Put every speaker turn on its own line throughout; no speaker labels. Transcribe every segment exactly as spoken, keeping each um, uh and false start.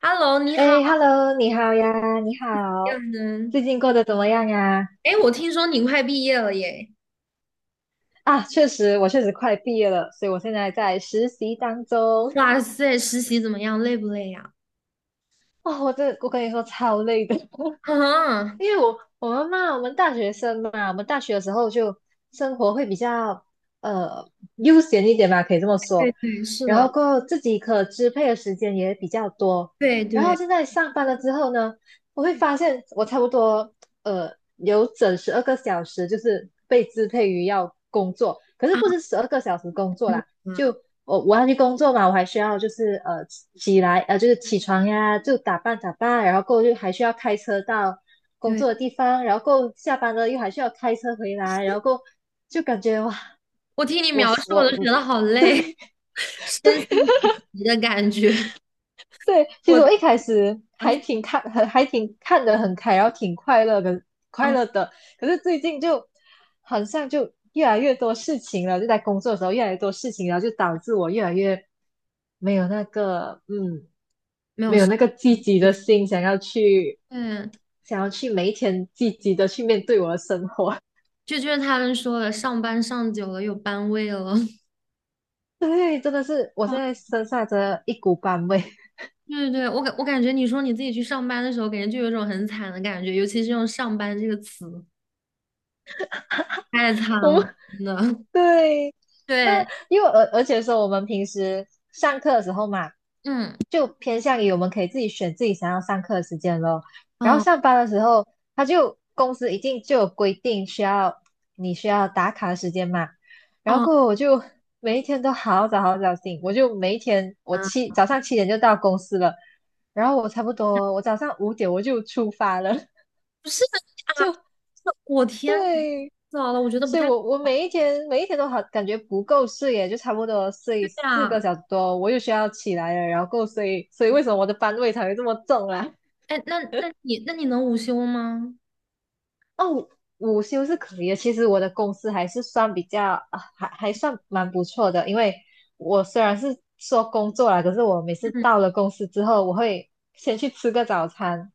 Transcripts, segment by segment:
Hello，你好
哎，Hello，你好呀，你
呀，
好，
能。
最近过得怎么样呀？
哎，我听说你快毕业了耶！
啊，确实，我确实快毕业了，所以我现在在实习当中。
哇塞，实习怎么样？累不累呀？
哦，我这我跟你说超累的，
啊，
因为我我们嘛，我们大学生嘛，我们大学的时候就生活会比较呃悠闲一点吧，可以这么
对
说。
对，是
然后
的，
过后自己可支配的时间也比较多。
对
然后
对
现在上班了之后呢，我会发现我差不多呃有整十二个小时就是被支配于要工作，可是
啊，
不是十二个小时工作
嗯
啦，
啊，
就我我要去工作嘛，我还需要就是呃起来呃就是起床呀，就打扮打扮，然后过后就还需要开车到工
对，
作的地方，然后过后下班了又还需要开车回来，然后过后就感觉哇，
我听你
我
描述，我
我
都觉得好 累，
对
身心俱疲的感觉。
对，其
我
实
的，
我一开始
哎，
还挺看，很还挺看得很开，然后挺快乐的，快
啊，
乐的。可是最近就好像就越来越多事情了，就在工作的时候越来越多事情，然后就导致我越来越没有那个，嗯，
没有
没有
事，
那个积极
对，
的心，想要去想要去每一天积极的去面对我的生活。
就就是他们说的，上班上久了有班味了。
对，真的是我
啊
现在身上真的一股班味，
对对对，我感我感觉你说你自己去上班的时候，感觉就有一种很惨的感觉，尤其是用"上班"这个词。太惨
我
了，
们
真的。
对，那
对，
因为而而且说我们平时上课的时候嘛，
嗯
就偏向于我们可以自己选自己想要上课的时间咯。然后
哦，
上班的时候，他就公司一定就有规定需要你需要打卡的时间嘛。然后
哦，
过后我就每一天都好早好早醒，我就每一天我
啊，
七早上七点就到公司了，然后我差不多我早上五点我就出发了，
不是啊，
就
这我天，
对。
早了，我觉得不
所以
太
我我每一天每一天都好感觉不够睡耶，就差不多睡
对
四个
啊。
小时多，我又需要起来了，然后够睡，所以为什么我的班味才会这么重啊？
哎，那那你那你能午休吗？
哦，午休是可以的，其实我的公司还是算比较啊，还还算蛮不错的，因为我虽然是说工作啦，可是我每次
嗯，
到了公司之后，我会先去吃个早餐，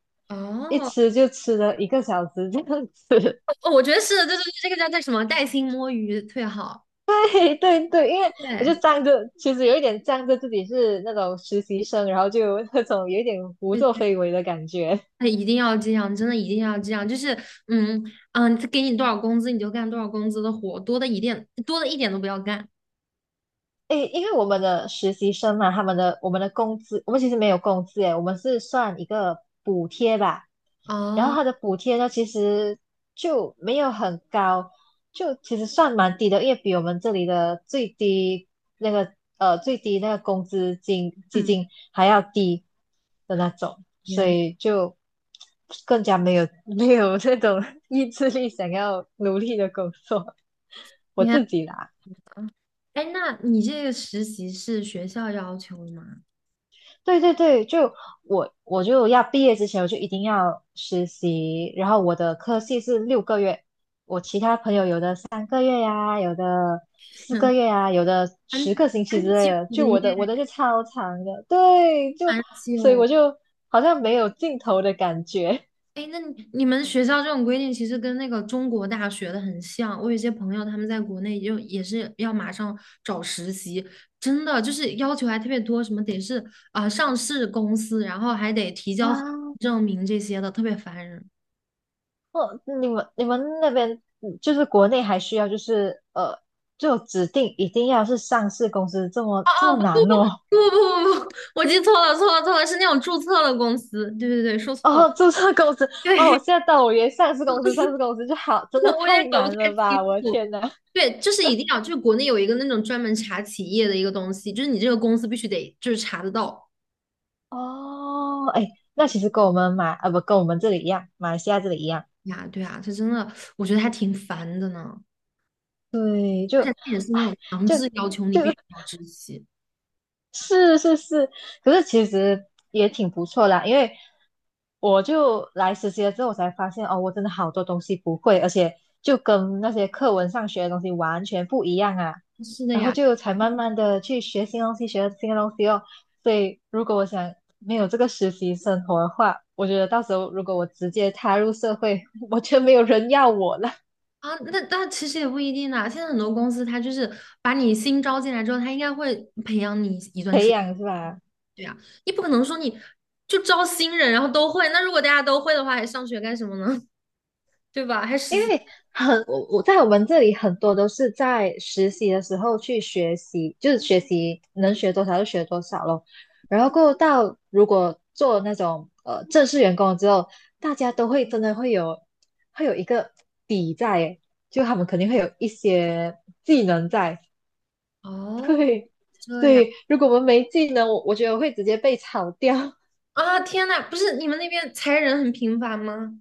一
哦，
吃就吃了一个小时这样子，
哦我觉得是的，对对对这个叫叫什么？带薪摸鱼最好。
对对对，因为我就
对
仗着，其实有一点仗着自己是那种实习生，然后就 有那种有一点胡
对，
作非为的感觉。
哎一定要这样，真的一定要这样。就是嗯嗯，他给你多少工资你就干多少工资的活，多的一点多的一点都不要干。
诶，因为我们的实习生嘛，他们的我们的工资，我们其实没有工资诶，我们是算一个补贴吧，然后
哦，
它的补贴呢，其实就没有很高，就其实算蛮低的，因为比我们这里的最低那个呃最低那个工资金基
嗯，
金还要低的那种，所
天。
以就更加没有没有那种 意志力想要努力的工作。我
天
自己啦，
嗯，哎，那你这个实习是学校要求的吗？
对对对，就我我就要毕业之前我就一定要实习，然后我的科系是六个月，三个月呀、有的四个 月呀、有的
蛮
十个星期
蛮
之类
基础
的。
的
就
耶，
我的我的就超长的，对，就
蛮
所以
久。
我就好像没有尽头的感觉
哎，那你你们学校这种规定其实跟那个中国大学的很像。我有些朋友他们在国内就也是要马上找实习，真的就是要求还特别多，什么得是啊、呃上市公司，然后还得提 交合
啊。
规证明这些的，特别烦人。
哦，你们你们那边嗯就是国内还需要就是呃，就指定一定要是上市公司这么这
哦，
么
不
难哦。
不不不不，我记错了错了错了，是那种注册的公司。对对对，说 错了。
哦，注册公司哦，我
对
现在到我，以为上市公司，上市公司就好，真的
我也
太
搞不
难
太
了
清
吧！我的
楚。
天呐。
对，就是一定要，就是国内有一个那种专门查企业的一个东西，就是你这个公司必须得就是查得到
哦，哎，那其实跟我们马啊不跟我们这里一样，马来西亚这里一样，
呀。对啊，这真的我觉得还挺烦的呢，
对，就
而且他也是那种
哎
强
就
制要求你必
就
须 要知悉。
是是是，可是其实也挺不错啦，因为我就来实习了之后，我才发现哦，我真的好多东西不会，而且就跟那些课文上学的东西完全不一样啊。
是的
然后
呀，
就才慢慢的去学新东西，学新的东西哦。所以如果我想没有这个实习生活的话，我觉得到时候如果我直接踏入社会，我觉得没有人要我了。
啊，那那其实也不一定啦。现在很多公司他就是把你新招进来之后，他应该会培养你一段时
培
间。
养是吧？
对呀，你不可能说你就招新人然后都会，那如果大家都会的话，还上学干什么呢？对吧？还实
因
习。
为很我我在我们这里很多都是在实习的时候去学习，就是学习能学多少就学多少咯。然后过后到如果做那种呃正式员工了之后，大家都会真的会有会有一个底在耶就他们肯定会有一些技能在。
哦，
对，
这
所
样。
以如果我们没技能，我我觉得我会直接被炒掉。
啊，天呐，不是你们那边裁人很频繁吗？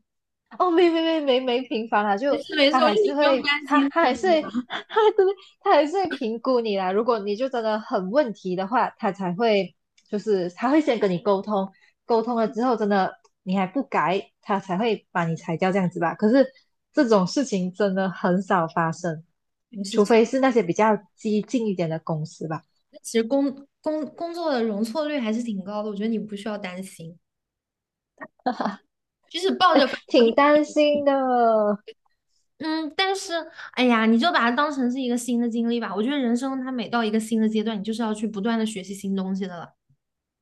哦，没没没没没频繁啦，
没
就
事没事，
他
我觉
还
得你
是
不用
会，
担
他
心
他
太
还是
多
会
吧。
他对他还是会评估你啦。如果你就真的很问题的话，他才会就是他会先跟你沟通，沟通了之后真的你还不改，他才会把你裁掉这样子吧。可是这种事情真的很少发生，
没事
除
情，
非是那些比较激进一点的公司吧。
其实工工工作的容错率还是挺高的，我觉得你不需要担心。就是抱着，反正我
挺
就
担心的，
嗯，但是哎呀，你就把它当成是一个新的经历吧。我觉得人生它每到一个新的阶段，你就是要去不断的学习新东西的了。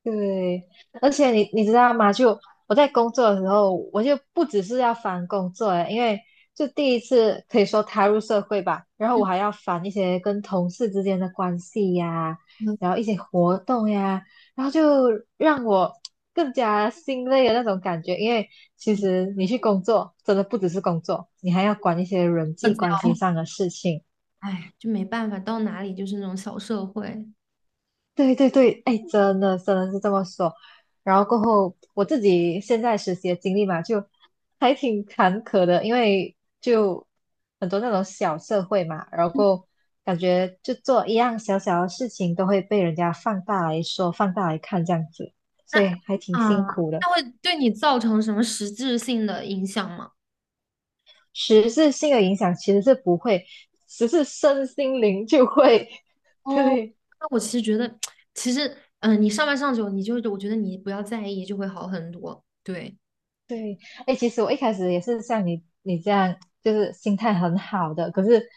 对，而且你你知道吗？就我在工作的时候，我就不只是要烦工作诶，因为就第一次可以说踏入社会吧，然后我还要烦一些跟同事之间的关系呀，
嗯，
然后一些活动呀，然后就让我更加心累的那种感觉。因为其实你去工作，真的不只是工作，你还要管一些人
社
际
交
关系上的事情。
哎，就没办法，到哪里就是那种小社会。
对对对，哎，真的真的是这么说。然后过后，我自己现在实习的经历嘛，就还挺坎坷的，因为就很多那种小社会嘛，然后
嗯
过后感觉就做一样小小的事情都会被人家放大来说、放大来看这样子，
那
所以还挺
啊，
辛苦的。
那会对你造成什么实质性的影响吗？
实质性的影响其实是不会，只是身心灵就会，
哦，
对。
那我其实觉得，其实，嗯、你上班上久，你就我觉得你不要在意，就会好很多。对，
对，哎，其实我一开始也是像你你这样，就是心态很好的，可是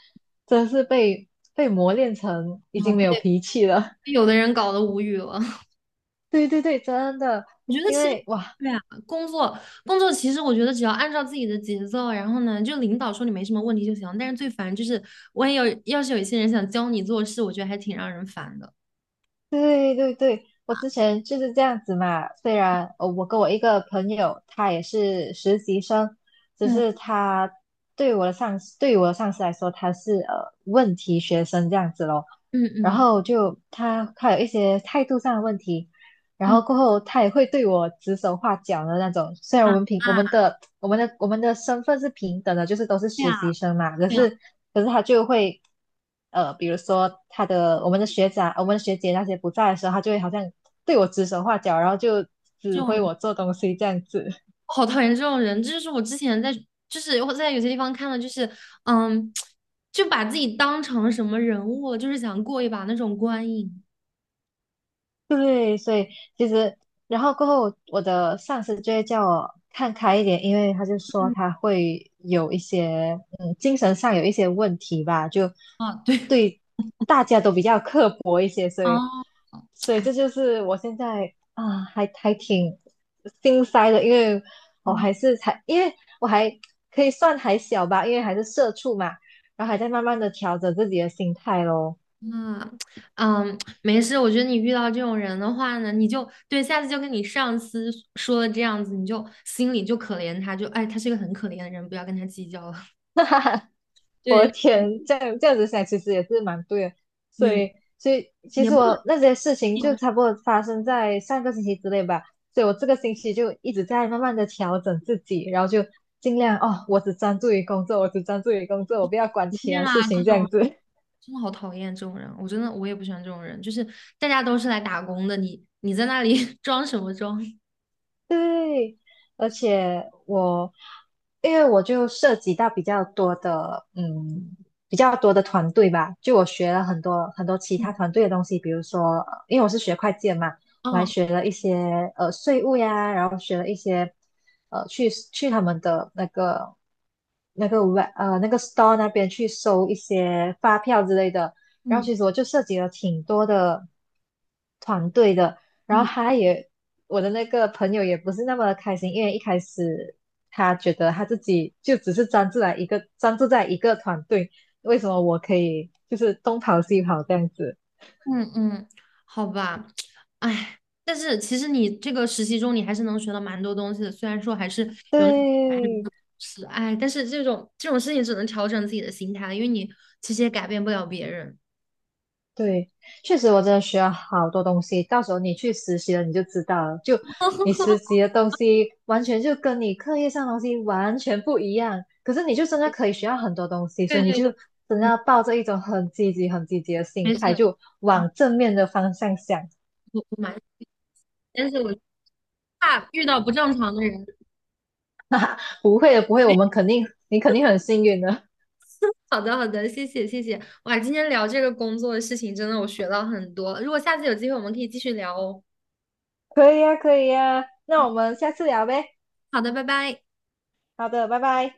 真是被被磨练成已
啊，
经没有脾气了。
被有 的人搞得无语了。
对对对，真的，
我觉得
因
其实，
为哇，
对啊，工作工作，其实我觉得只要按照自己的节奏，然后呢，就领导说你没什么问题就行。但是最烦就是，万一有要是有一些人想教你做事，我觉得还挺让人烦的。
对对对，我之前就是这样子嘛。虽然呃我跟我一个朋友，他也是实习生，只
嗯
是他对我的上司，对于我的上司来说，他是呃问题学生这样子咯。
嗯
然
嗯
后就他他有一些态度上的问题。然
嗯，
后过后他也会对我指手画脚的那种。虽然我们平我们的我们的我们的身份是平等的，就是都是实习生嘛，可
对啊，
是可是他就会呃，比如说他的我们的学长、我们的学姐那些不在的时候，他就会好像对我指手画脚，然后就指挥我
这
做东西这样子。
好讨厌这种人，这就是我之前在，就是我在有些地方看到，就是，嗯，就把自己当成什么人物，就是想过一把那种观影
对，所以其实，然后过后，我的上司就会叫我看开一点，因为他就说他会有一些，嗯，精神上有一些问题吧，就
啊，对，
对大家都比较刻薄一些，所
哦
以，所以
哎，
这就是我现在啊，还还挺心塞的，因为我
嗯
还是才，因为我还可以算还小吧，因为还是社畜嘛，然后还在慢慢的调整自己的心态咯，
啊，嗯，没事，我觉得你遇到这种人的话呢，你就对下次就跟你上司说了这样子，你就心里就可怜他，就哎，他是一个很可怜的人，不要跟他计较了。
我的
对
天，这样这样子想其实也是蛮对的，所
对，
以所以其
也
实
不
我那些事情就差不多发生在上个星期之内吧，所以我这个星期就一直在慢慢的调整自己，然后就尽量哦，我只专注于工作，我只专注于工作，我不要管
能这
其
样
他事
啊，这
情这
种。
样子。
真的好讨厌这种人，我真的我也不喜欢这种人，就是大家都是来打工的，你你在那里 装什么装？
对，而且我，因为我就涉及到比较多的，嗯，比较多的团队吧，就我学了很多很多其
嗯
他团队的东西，比如说，呃因为我是学会计的嘛，我还学了一些呃税务呀，然后学了一些呃去去他们的那个那个 w 呃那个 store 那边去收一些发票之类的，然后
嗯
其实我就涉及了挺多的团队的。然后
嗯
他也，我的那个朋友也不是那么的开心，因为一开始他觉得他自己就只是专注在一个专注在一个团队，为什么我可以就是东跑西跑这样子？
嗯嗯，好吧，哎，但是其实你这个实习中你还是能学到蛮多东西的，虽然说还是有那种烦
对，
人的事哎，但是这种这种事情只能调整自己的心态，因为你其实也改变不了别人。
对，确实我真的学了好多东西。到时候你去实习了，你就知道了。就你实习的东西，完全就跟你课业上的东西完全不一样。可是你就真的可以学到很多东西，
对
所以你
对
就
对，
真的
嗯，
要抱着一种很积极、很积极的心
没事
态，就
啊，
往正面的方向想。
我我蛮，但是我怕遇到不正常的人。
不会的，不会，我们肯定，你肯定很幸运的。
好的，好的，谢谢，谢谢。哇，今天聊这个工作的事情，真的我学到很多。如果下次有机会，我们可以继续聊哦。
可以呀，可以呀。那我们下次聊呗。
好的，拜拜。
好的，拜拜。